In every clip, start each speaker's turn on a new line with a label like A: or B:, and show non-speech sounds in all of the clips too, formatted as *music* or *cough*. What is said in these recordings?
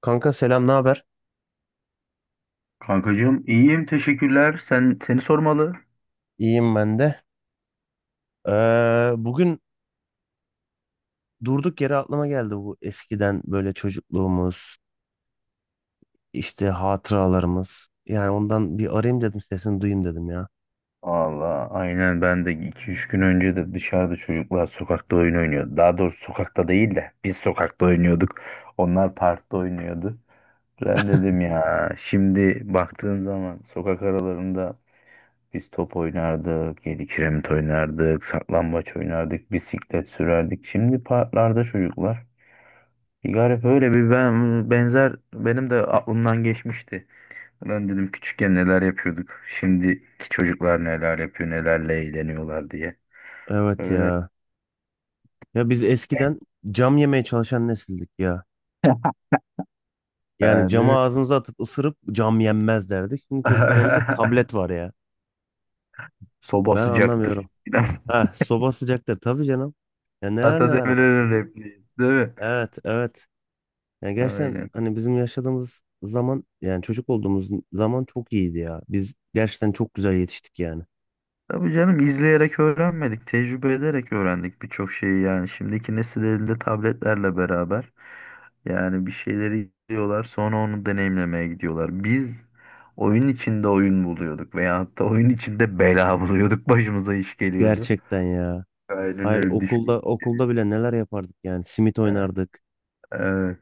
A: Kanka selam, ne haber?
B: Kankacığım iyiyim teşekkürler. Sen seni sormalı.
A: İyiyim ben de. Bugün durduk yere aklıma geldi bu eskiden böyle çocukluğumuz, işte hatıralarımız. Yani ondan bir arayayım dedim, sesini duyayım dedim ya.
B: Allah aynen ben de iki üç gün önce de dışarıda çocuklar sokakta oyun oynuyordu. Daha doğrusu sokakta değil de biz sokakta oynuyorduk. Onlar parkta oynuyordu. Ben dedim ya şimdi baktığın zaman sokak aralarında biz top oynardık, yedi kiremit oynardık, saklambaç oynardık, bisiklet sürerdik. Şimdi parklarda çocuklar. Bir garip öyle bir benzer benim de aklımdan geçmişti. Ben dedim küçükken neler yapıyorduk. Şimdiki çocuklar neler yapıyor, nelerle eğleniyorlar diye.
A: Evet
B: Öyle.
A: ya. Ya biz eskiden cam yemeye çalışan nesildik ya.
B: *laughs*
A: Yani
B: Ha, değil
A: camı
B: mi?
A: ağzımıza atıp ısırıp cam yenmez derdik. Şimdi çocukların elinde tablet
B: *laughs*
A: var ya.
B: Soba
A: Ben
B: sıcaktır.
A: anlamıyorum.
B: *laughs*
A: Heh, soba sıcaktır tabii canım. Ya neler neler var.
B: Atademir'in repliği, değil mi?
A: Evet, evet. Yani gerçekten
B: Aynen.
A: hani bizim yaşadığımız zaman yani çocuk olduğumuz zaman çok iyiydi ya. Biz gerçekten çok güzel yetiştik yani.
B: Tabii canım izleyerek öğrenmedik, tecrübe ederek öğrendik birçok şeyi yani. Şimdiki nesil elinde tabletlerle beraber yani bir şeyleri izliyorlar, sonra onu deneyimlemeye gidiyorlar. Biz oyun içinde oyun buluyorduk veya hatta oyun içinde bela buluyorduk, başımıza iş geliyordu.
A: Gerçekten ya.
B: Aynen
A: Hayır
B: öyle düşmüş.
A: okulda bile neler yapardık yani. Simit
B: Evet,
A: oynardık.
B: evet.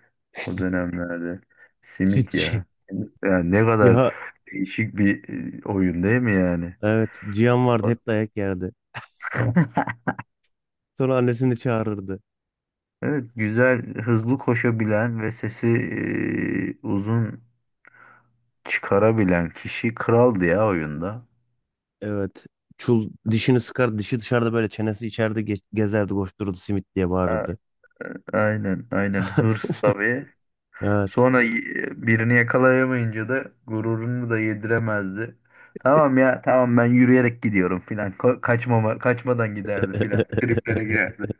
B: O dönemlerde. Simit
A: Çitçi.
B: ya. Simit ya ne kadar
A: Ya
B: değişik bir oyun değil mi yani?
A: evet, Cihan vardı,
B: Bak.
A: hep dayak yerdi.
B: *laughs*
A: Sonra annesini çağırırdı.
B: Evet, güzel, hızlı koşabilen ve sesi uzun çıkarabilen kişi kraldı ya oyunda.
A: Evet. Çul dişini sıkar, dişi dışarıda böyle çenesi içeride gezerdi, koştururdu, simit diye
B: A-
A: bağırırdı.
B: Aynen, aynen. Hırs
A: *laughs*
B: tabii.
A: Evet.
B: Sonra birini yakalayamayınca da gururunu da yediremezdi. Tamam ya tamam ben yürüyerek gidiyorum filan. Kaçmadan giderdi filan. Triplere
A: *laughs*
B: girerdi.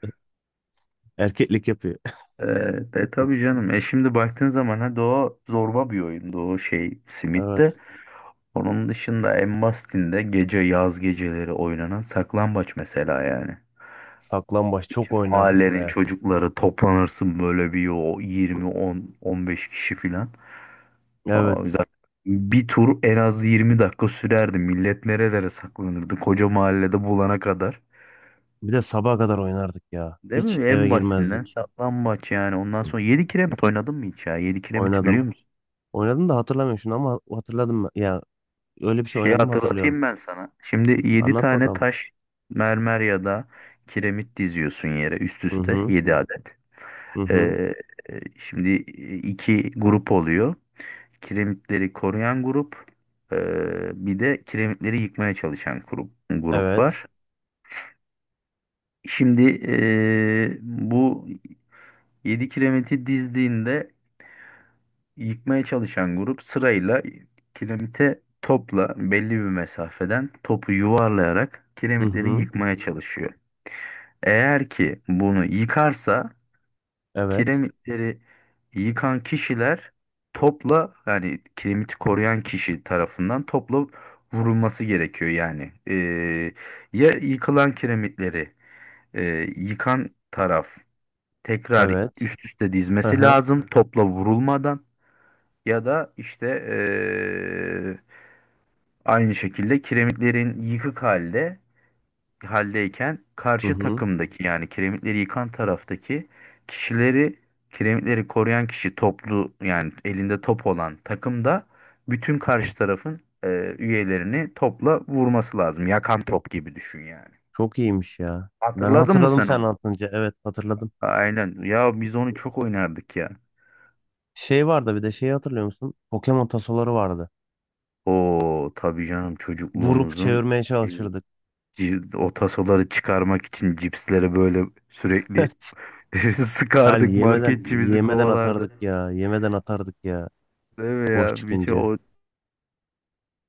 A: Erkeklik yapıyor.
B: Ee, tabii canım. E şimdi baktığın zaman ha o zorba bir oyundu o şey Simit de.
A: Evet.
B: Onun dışında en basitinde gece yaz geceleri oynanan saklambaç mesela yani.
A: Saklambaç çok
B: Bütün
A: oynardık
B: mahallenin
A: ya.
B: çocukları toplanırsın böyle bir o 20 10 15 kişi filan. Aa,
A: Evet.
B: güzel. Bir tur en az 20 dakika sürerdi. Millet nerelere saklanırdı? Koca mahallede bulana kadar.
A: Bir de sabaha kadar oynardık ya.
B: Değil
A: Hiç
B: mi?
A: eve
B: En basitinden
A: girmezdik.
B: saklambaç yani. Ondan sonra 7 kiremit oynadın mı hiç ya? 7 kiremiti
A: Oynadım.
B: biliyor musun?
A: Oynadım da hatırlamıyorum şunu, ama hatırladım ben. Ya öyle bir şey
B: Şey
A: oynadım, hatırlıyorum.
B: hatırlatayım ben sana. Şimdi 7
A: Anlat
B: tane
A: bakalım.
B: taş, mermer ya da kiremit diziyorsun yere üst
A: Hı
B: üste
A: hı.
B: 7 adet.
A: Hı hı.
B: Ee, şimdi iki grup oluyor. Kiremitleri koruyan grup, bir de kiremitleri yıkmaya çalışan grup
A: Evet.
B: var. Şimdi bu 7 kiremiti dizdiğinde yıkmaya çalışan grup sırayla kiremite topla belli bir mesafeden topu yuvarlayarak
A: Hı
B: kiremitleri
A: hı.
B: yıkmaya çalışıyor. Eğer ki bunu yıkarsa
A: Evet.
B: kiremitleri yıkan kişiler topla yani kiremiti koruyan kişi tarafından topla vurulması gerekiyor yani. Ya yıkılan kiremitleri yıkan taraf tekrar
A: Evet.
B: üst üste
A: Hı
B: dizmesi
A: hı.
B: lazım topla vurulmadan ya da işte aynı şekilde kiremitlerin yıkık halde haldeyken
A: Hı
B: karşı
A: hı.
B: takımdaki yani kiremitleri yıkan taraftaki kişileri kiremitleri koruyan kişi toplu yani elinde top olan takımda bütün karşı tarafın üyelerini topla vurması lazım. Yakan top gibi düşün yani.
A: Çok iyiymiş ya. Ben
B: Hatırladın mı
A: hatırladım
B: sen
A: sen
B: onu?
A: anlatınca. Evet, hatırladım.
B: Aynen. Ya biz onu çok oynardık ya.
A: Şey vardı, bir de şeyi hatırlıyor musun? Pokemon tasoları vardı.
B: O tabii canım
A: Vurup
B: çocukluğumuzun
A: çevirmeye
B: şey,
A: çalışırdık.
B: o tasoları çıkarmak için cipsleri böyle sürekli
A: *laughs*
B: *laughs*
A: Her
B: sıkardık
A: yemeden
B: marketçi bizi
A: yemeden
B: kovalardı.
A: atardık ya. Yemeden atardık ya.
B: Değil mi
A: Boş
B: ya? Bir şey
A: çıkınca.
B: o,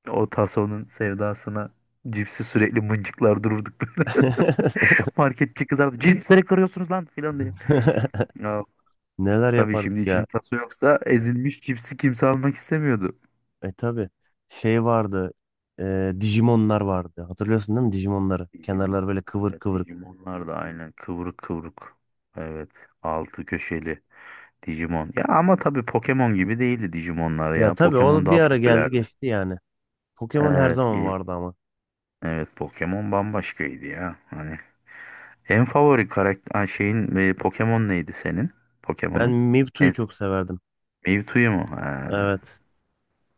B: o tasonun sevdasına cipsi sürekli mıncıklar dururduk böyle.
A: *laughs*
B: *laughs* Marketçi kızardı. Cipsleri kırıyorsunuz lan filan diye. Ya,
A: Neler
B: tabii şimdi
A: yapardık ya?
B: için taso yoksa ezilmiş cipsi kimse almak istemiyordu.
A: E tabi. Şey vardı. Digimonlar vardı. Hatırlıyorsun değil mi Digimonları?
B: Digimon.
A: Kenarları böyle kıvır
B: Evet
A: kıvır.
B: Digimonlar da aynen kıvrık kıvrık. Evet altı köşeli. Digimon. Ya ama tabii Pokemon gibi değildi Digimonlar
A: Ya
B: ya.
A: tabi
B: Pokemon
A: o bir
B: daha
A: ara geldi
B: popülerdi.
A: geçti yani. Pokemon her
B: Evet,
A: zaman
B: iyi.
A: vardı ama.
B: Evet Pokemon bambaşkaydı ya. Hani en favori karakter ha, şeyin Pokemon neydi senin?
A: Ben
B: Pokemon'un.
A: Mewtwo'yu
B: En,
A: çok severdim.
B: Mewtwo'yu mu? Ha,
A: Evet.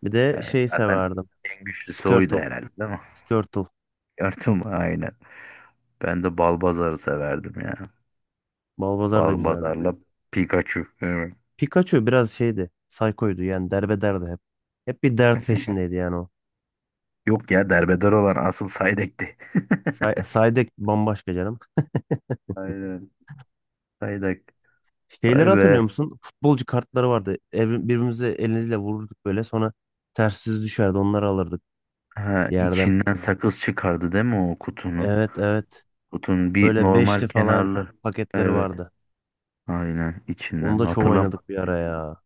A: Bir de
B: evet.
A: şey
B: Zaten
A: severdim.
B: en güçlüsü oydu
A: Squirtle.
B: herhalde değil mi?
A: Squirtle.
B: *laughs* Gördüm aynen. Ben de Balbazar'ı severdim ya.
A: Balbazar da güzeldi ya.
B: Balbazar'la Pikachu. Evet.
A: Pikachu biraz şeydi. Psycho'ydu yani, derbederdi hep. Hep bir dert peşindeydi yani o.
B: Yok ya derbeder olan asıl Psyduck'ti. *laughs*
A: Psyduck bambaşka canım.
B: Aynen. Psyduck. Vay
A: Şeyleri
B: be.
A: hatırlıyor musun? Futbolcu kartları vardı. Birbirimize elimizle vururduk böyle. Sonra ters yüz düşerdi. Onları alırdık
B: Ha,
A: yerden.
B: içinden sakız çıkardı değil mi o kutunun?
A: Evet, evet.
B: Kutunun bir
A: Böyle
B: normal
A: beşli falan
B: kenarlı.
A: paketleri
B: Evet.
A: vardı.
B: Aynen
A: Onu
B: içinden.
A: da çok
B: Hatırlamadım.
A: oynadık bir ara ya.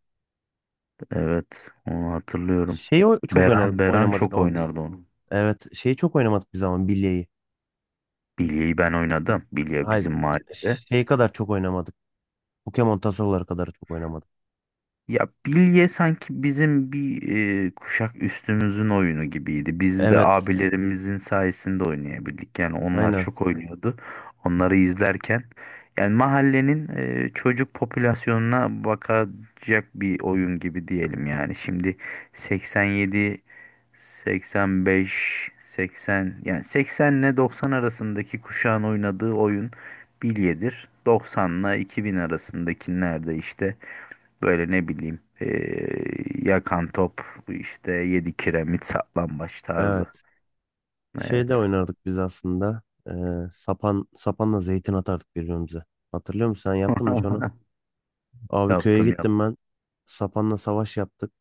B: Evet. Onu hatırlıyorum.
A: Şeyi çok
B: Beran
A: oynamadık
B: çok
A: ama biz.
B: oynardı onu.
A: Evet, şeyi çok oynamadık biz ama, bilyeyi.
B: Bilye'yi ben oynadım. Bilye
A: Hayır,
B: bizim mahallede.
A: şey kadar çok oynamadık. Pokemon tasoları kadar çok oynamadık.
B: Ya bilye sanki bizim bir kuşak üstümüzün oyunu gibiydi. Biz de
A: Evet,
B: abilerimizin sayesinde oynayabildik. Yani onlar
A: aynen
B: çok oynuyordu. Onları izlerken yani mahallenin çocuk popülasyonuna bakacak bir oyun gibi diyelim yani. Şimdi 87, 85, 80 yani 80 ile 90 arasındaki kuşağın oynadığı oyun bilyedir. 90 ile 2000 arasındakilerde işte böyle ne bileyim yakan top işte yedi kiremit saklambaç tarzı.
A: evet.
B: Evet.
A: Şey de oynardık biz aslında. Ee, sapanla zeytin atardık birbirimize. Hatırlıyor musun? Sen yaptın mı hiç onu?
B: *laughs*
A: Abi köye
B: Yaptım
A: gittim
B: yaptım.
A: ben. Sapanla savaş yaptık.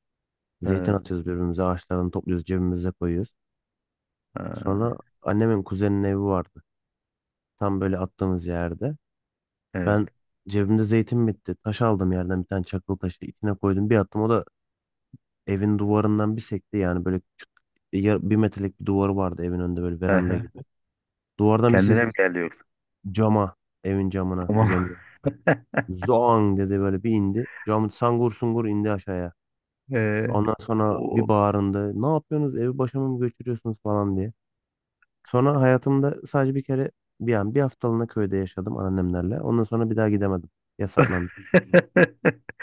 A: Zeytin
B: Evet.
A: atıyoruz birbirimize. Ağaçlarını topluyoruz, cebimize koyuyoruz.
B: Ha,
A: Sonra annemin kuzeninin evi vardı. Tam böyle attığımız yerde.
B: evet.
A: Ben cebimde zeytin bitti. Taş aldım yerden, bir tane çakıl taşı. İçine koydum, bir attım. O da evin duvarından bir sekti. Yani böyle küçük, 1 metrelik bir duvarı vardı evin önünde, böyle veranda
B: Aha.
A: gibi. Duvardan bir
B: Kendine
A: sekti
B: mi geldi yoksa?
A: cama. Evin camına,
B: Tamam. *laughs*
A: kuzenin. Zoang dedi, böyle bir indi. Cam sangur sungur indi aşağıya.
B: Eee,
A: Ondan sonra bir
B: o.
A: bağırındı. Ne yapıyorsunuz? Evi başıma mı götürüyorsunuz falan diye. Sonra hayatımda sadece bir kere, bir an, bir haftalığına köyde yaşadım annemlerle. Ondan sonra bir daha gidemedim. Yasaklandı.
B: *laughs*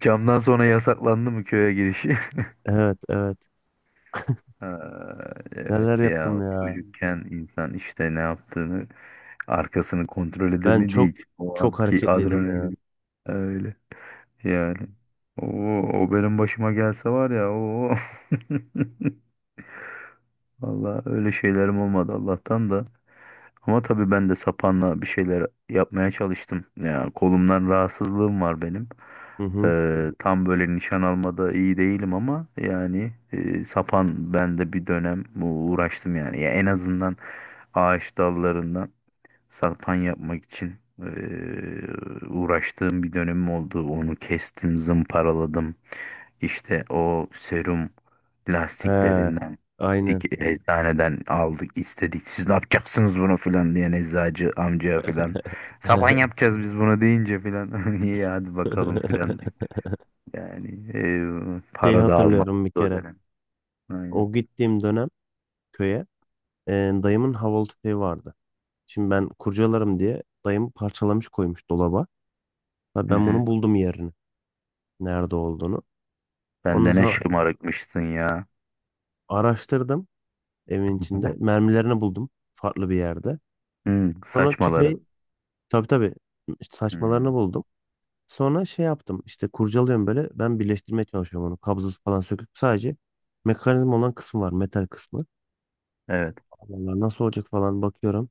B: Camdan sonra yasaklandı mı köye giriş? *laughs*
A: Evet, evet.
B: Ha,
A: Neler
B: evet
A: yaptım
B: ya
A: ya.
B: çocukken insan işte ne yaptığını arkasını kontrol
A: Ben
B: edemediği
A: çok
B: için o
A: çok
B: anki
A: hareketliydim ya.
B: adrenalin öyle yani. O, o benim başıma gelse var ya o. *laughs* Valla öyle şeylerim olmadı Allah'tan da. Ama tabii ben de sapanla bir şeyler yapmaya çalıştım. Ya kolumdan rahatsızlığım var benim.
A: Hı hı.
B: Tam böyle nişan almada iyi değilim ama yani sapan ben de bir dönem uğraştım yani. Ya en azından ağaç dallarından. Salpan yapmak için uğraştığım bir dönemim oldu. Onu kestim, zımparaladım. İşte o serum
A: He.
B: lastiklerinden
A: Aynen.
B: dik eczaneden aldık istedik. Siz ne yapacaksınız bunu filan diyen eczacı amcaya filan. Saban
A: *laughs*
B: yapacağız biz bunu deyince filan. *laughs* İyi hadi bakalım filan deyip. Yani
A: Şeyi
B: para da almadık
A: hatırlıyorum bir
B: o
A: kere.
B: dönem. Aynen.
A: O gittiğim dönem, köye, e, dayımın havalı tüfeği vardı. Şimdi ben kurcalarım diye dayım parçalamış, koymuş dolaba. Ha,
B: Hı
A: ben
B: hı.
A: bunu buldum, yerini, nerede olduğunu.
B: Sen
A: Ondan
B: de ne
A: sonra
B: şımarıkmışsın ya.
A: araştırdım evin içinde.
B: *laughs*
A: Mermilerini buldum farklı bir yerde.
B: Hı,
A: Sonra
B: saçmaları.
A: tüfeği, tabii tabii işte saçmalarını
B: Hı,
A: buldum. Sonra şey yaptım işte, kurcalıyorum böyle, ben birleştirmeye çalışıyorum onu. Kabzası falan söküp, sadece mekanizma olan kısmı var, metal kısmı.
B: evet.
A: Allah nasıl olacak falan bakıyorum.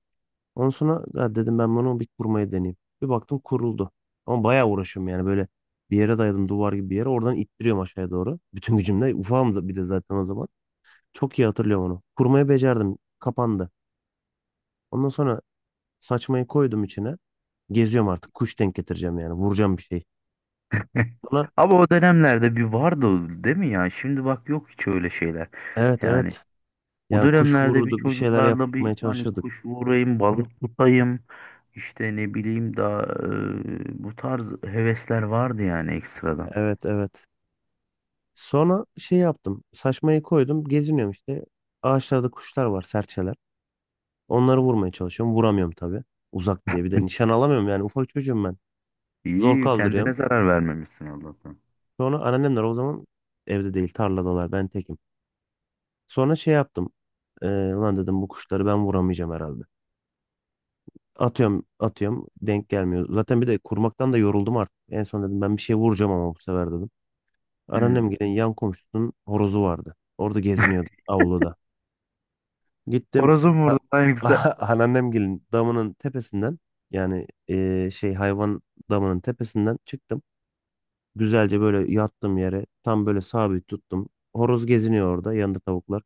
A: Ondan sonra ya dedim, ben bunu bir kurmayı deneyeyim. Bir baktım, kuruldu. Ama bayağı uğraşıyorum yani, böyle bir yere dayadım, duvar gibi bir yere, oradan ittiriyorum aşağıya doğru. Bütün gücümle, ufağım da bir de zaten o zaman. Çok iyi hatırlıyorum onu. Kurmayı becerdim. Kapandı. Ondan sonra saçmayı koydum içine. Geziyorum artık. Kuş denk getireceğim yani. Vuracağım bir şey.
B: *laughs*
A: Sonra
B: Ama o dönemlerde bir vardı o, değil mi ya? Şimdi bak yok hiç öyle şeyler.
A: evet,
B: Yani
A: evet.
B: o
A: Yani kuş
B: dönemlerde bir
A: vururduk. Bir şeyler
B: çocuklarla
A: yapmaya
B: bir hani
A: çalışırdık.
B: kuş vurayım, balık tutayım, işte ne bileyim daha bu tarz hevesler vardı yani ekstradan.
A: Evet, evet. Sonra şey yaptım. Saçmayı koydum. Geziniyorum işte. Ağaçlarda kuşlar var. Serçeler. Onları vurmaya çalışıyorum. Vuramıyorum tabii. Uzak diye. Bir de
B: *laughs*
A: nişan alamıyorum yani. Ufak çocuğum ben. Zor
B: İyi kendine
A: kaldırıyorum.
B: zarar vermemişsin Allah'tan.
A: Sonra anneannemler o zaman evde değil. Tarladalar. Ben tekim. Sonra şey yaptım. Ee, ulan dedim, bu kuşları ben vuramayacağım herhalde. Atıyorum atıyorum denk gelmiyor. Zaten bir de kurmaktan da yoruldum artık. En son dedim ben bir şey vuracağım ama bu sefer, dedim.
B: Hmm.
A: Anneannem gelen yan komşusunun horozu vardı. Orada geziniyordu avluda. Gittim
B: Horozum
A: a-
B: vurdu lan yoksa.
A: *laughs* anneannem gelin damının tepesinden, yani şey, hayvan damının tepesinden çıktım. Güzelce böyle yattım yere, tam böyle sabit tuttum. Horoz geziniyor orada, yanında tavuklar.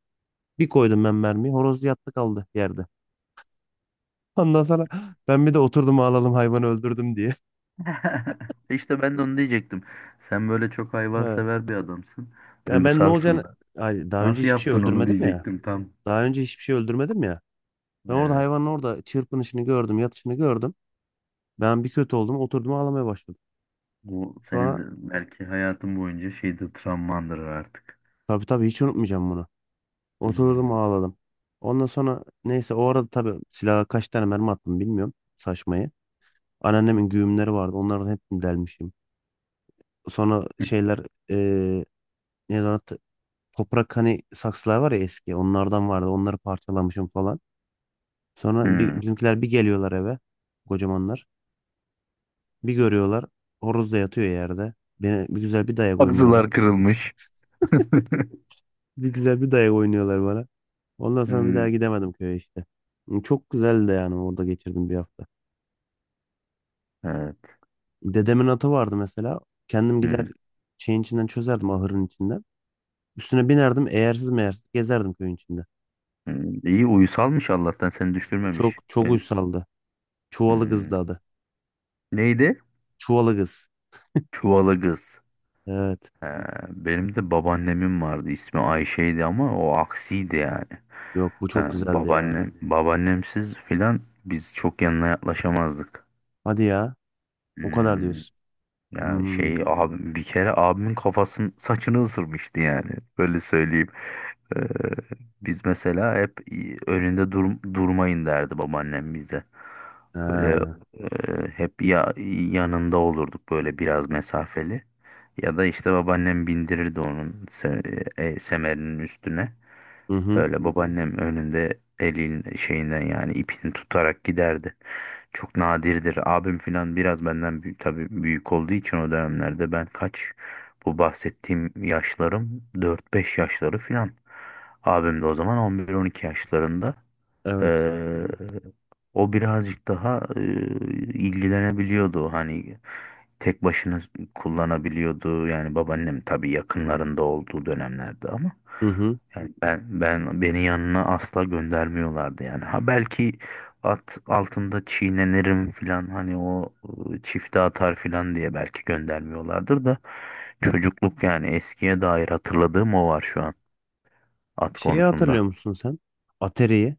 A: Bir koydum ben mermiyi, horoz yattı kaldı yerde. Ondan sonra ben bir de oturdum ağlalım, hayvanı öldürdüm diye. *laughs*
B: *laughs* İşte ben de onu diyecektim. Sen böyle çok
A: Ha.
B: hayvansever bir adamsın.
A: Ya ben ne olacağını.
B: Duygusalsın da.
A: Ay, daha önce
B: Nasıl
A: hiçbir şey
B: yaptın onu
A: öldürmedim ya.
B: diyecektim tam.
A: Daha önce hiçbir şey öldürmedim ya. Ben orada
B: Evet.
A: hayvanın orada çırpınışını gördüm, yatışını gördüm. Ben bir kötü oldum, oturdum ağlamaya başladım.
B: Bu senin
A: Sonra
B: de belki hayatın boyunca şeyde travmandır artık.
A: tabii tabii, hiç unutmayacağım bunu. Oturdum
B: Hmm.
A: ağladım. Ondan sonra neyse, o arada tabii silaha kaç tane mermi attım bilmiyorum, saçmayı. Anneannemin güğümleri vardı. Onların hepsini delmişim. Sonra
B: *laughs*
A: şeyler, eee neydi ona, toprak hani saksılar var ya eski, onlardan vardı, onları parçalamışım falan. Sonra bir,
B: Hmm.
A: bizimkiler bir geliyorlar eve, kocamanlar, bir görüyorlar horoz da yatıyor yerde. Beni bir güzel bir dayak oynuyorlar.
B: Ağzılar kırılmış. *laughs*
A: Bir güzel bir dayak oynuyorlar bana. Ondan sonra bir daha
B: Hmm.
A: gidemedim köye işte. Çok güzeldi de yani, orada geçirdim bir hafta.
B: Evet.
A: Dedemin atı vardı mesela. Kendim gider
B: Hmm.
A: şeyin içinden çözerdim, ahırın içinden. Üstüne binerdim, eğersiz meğersiz gezerdim köyün içinde.
B: Hmm. İyi uyusalmış Allah'tan seni düşürmemiş.
A: Çok çok
B: Ben
A: uysaldı. Çuvalı
B: Hmm.
A: kızdı adı.
B: Neydi?
A: Çuvalı kız.
B: Çuvalı kız.
A: Evet.
B: He, benim de babaannemin vardı. İsmi Ayşe'ydi ama o aksiydi yani.
A: Yok, bu
B: He,
A: çok güzeldi ya.
B: babaannem, babaannemsiz filan biz çok yanına yaklaşamazdık.
A: Hadi ya. O kadar
B: Hmm.
A: diyorsun.
B: Yani
A: Hmm.
B: şey abim bir kere abimin kafasının saçını ısırmıştı yani. Böyle söyleyeyim. Ee, biz mesela hep önünde durmayın derdi babaannem bize. Böyle
A: Ha.
B: hep ya yanında olurduk böyle biraz mesafeli. Ya da işte babaannem bindirirdi onun semerinin üstüne.
A: Hı hı.
B: Öyle babaannem önünde elin şeyinden yani ipini tutarak giderdi. Çok nadirdir. Abim filan biraz benden büyük, tabii büyük olduğu için o dönemlerde ben kaç bu bahsettiğim yaşlarım dört beş yaşları filan. Abim de o zaman 11 12 yaşlarında.
A: Evet.
B: Ee, o birazcık daha ilgilenebiliyordu hani tek başına kullanabiliyordu yani babaannem tabii yakınlarında olduğu dönemlerde ama
A: Hı hı.
B: yani beni yanına asla göndermiyorlardı yani ha belki at altında çiğnenirim filan hani o çifte atar filan diye belki göndermiyorlardır da çocukluk yani eskiye dair hatırladığım o var şu an at
A: Şeyi
B: konusunda.
A: hatırlıyor musun sen? Atari'yi.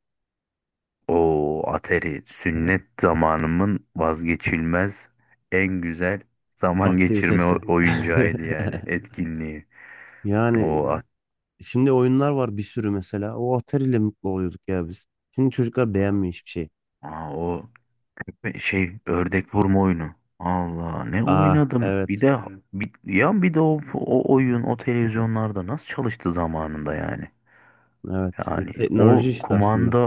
B: O Atari sünnet zamanımın vazgeçilmez en güzel zaman geçirme
A: Aktivitesi.
B: oyuncağıydı yani
A: *laughs*
B: etkinliği.
A: Yani
B: O at-
A: şimdi oyunlar var bir sürü mesela. O Atari ile mutlu oluyorduk ya biz. Şimdi çocuklar beğenmiyor hiçbir şey.
B: Aa, o şey ördek vurma oyunu. Allah ne
A: Aa
B: oynadım. Bir
A: evet.
B: de ya bir de o oyun o televizyonlarda nasıl çalıştı zamanında yani.
A: Evet. E,
B: Yani o
A: teknoloji işte aslında.
B: kumanda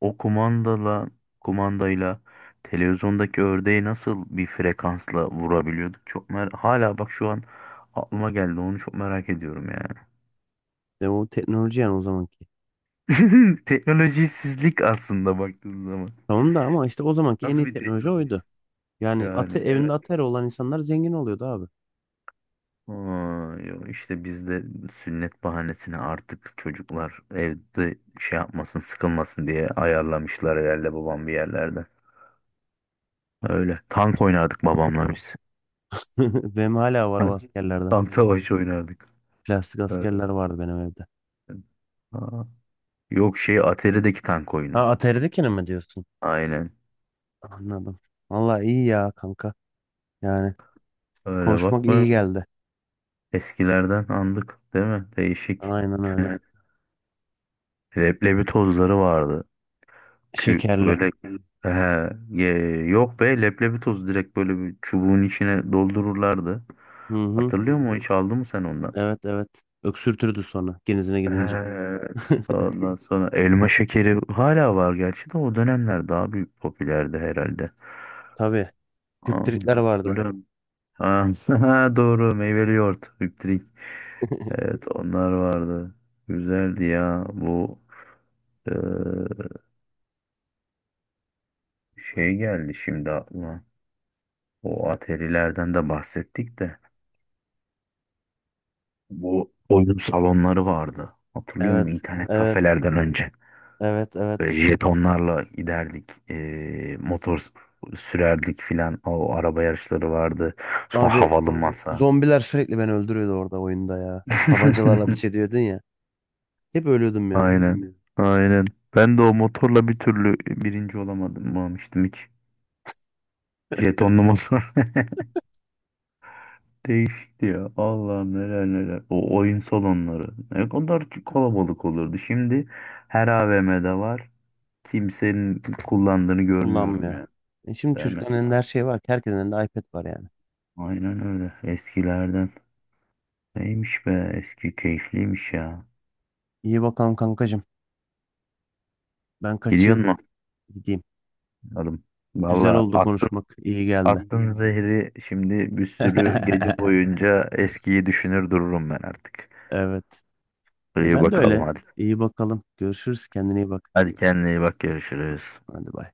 B: o kumandala kumandayla televizyondaki ördeği nasıl bir frekansla vurabiliyorduk? Çok hala bak şu an aklıma geldi. Onu çok merak ediyorum yani.
A: De o teknoloji yani, o zamanki.
B: *laughs* Teknolojisizlik aslında baktığın zaman.
A: Tamam da ama işte, o zamanki en
B: Nasıl
A: iyi
B: bir
A: teknoloji
B: teknoloji?
A: oydu. Yani
B: Yani
A: evinde
B: evet.
A: Atari olan insanlar zengin oluyordu abi.
B: Aa, yo, işte bizde sünnet bahanesini artık çocuklar evde şey yapmasın sıkılmasın diye ayarlamışlar herhalde babam bir yerlerde. Öyle. Tank oynardık babamla biz.
A: *laughs* Benim hala var o
B: *laughs*
A: askerlerden.
B: Tam savaş oynardık.
A: Plastik
B: Öğretmen.
A: askerler vardı benim evde.
B: Aa, yok şey Atari'deki tank oyunu.
A: Ha, Atari'dekini mi diyorsun?
B: Aynen.
A: Anladım. Vallahi iyi ya kanka. Yani
B: Öyle
A: konuşmak
B: bakma.
A: iyi geldi.
B: Eskilerden andık değil mi? Değişik.
A: Aynen öyle.
B: *laughs* Leblebi tozları vardı.
A: Şekerli.
B: Böyle he, yok be leblebi toz direkt böyle bir çubuğun içine doldururlardı.
A: Hı hı.
B: Hatırlıyor musun? Hiç aldın mı sen ondan?
A: Evet, evet. Öksürtürdü sonra genizine gidince.
B: Evet.
A: *laughs*
B: Ondan sonra elma şekeri hala var gerçi de o dönemler daha büyük popülerdi herhalde.
A: Tabii.
B: Aa,
A: Hüptritler vardı.
B: hatırlıyorum. Ha, *laughs* doğru meyveli yoğurt. Hüptrik.
A: *laughs*
B: Evet onlar vardı. Güzeldi ya. Bu eee, şey geldi şimdi aklıma. O atarilerden de bahsettik de. Bu oyun salonları vardı. Hatırlıyor musun?
A: Evet.
B: İnternet
A: Evet.
B: kafelerden önce.
A: Evet.
B: Böyle
A: Evet.
B: jetonlarla giderdik. Motor sürerdik filan. O araba yarışları vardı. Sonra
A: Abi
B: havalı masa.
A: zombiler sürekli beni öldürüyordu orada, oyunda ya. Tabancalarla ateş
B: *laughs*
A: ediyordun ya. Hep ölüyordum ya.
B: Aynen. Aynen. Ben de o motorla bir türlü birinci olamadım almıştım hiç. Jetonlu motor. *laughs* Değişikti ya. Allah'ım neler neler. O oyun salonları. Ne kadar kalabalık olurdu. Şimdi her AVM'de var. Kimsenin kullandığını görmüyorum
A: Kullanmıyor.
B: ya.
A: E şimdi
B: Değil mi?
A: çocukların elinde her şey var ki. Herkesin elinde iPad var yani.
B: Aynen öyle. Eskilerden. Neymiş be? Eski keyifliymiş ya.
A: İyi bakalım kankacığım. Ben
B: Gidiyor
A: kaçayım.
B: mu?
A: Gideyim.
B: Adam.
A: Güzel
B: Valla
A: oldu
B: attı
A: konuşmak. İyi geldi.
B: Attın zehri şimdi bir sürü gece
A: *laughs*
B: boyunca eskiyi düşünür dururum ben artık.
A: Evet.
B: İyi
A: Ben de
B: bakalım
A: öyle.
B: hadi.
A: İyi bakalım. Görüşürüz. Kendine iyi bak.
B: Hadi kendine iyi bak görüşürüz.
A: Hadi bay.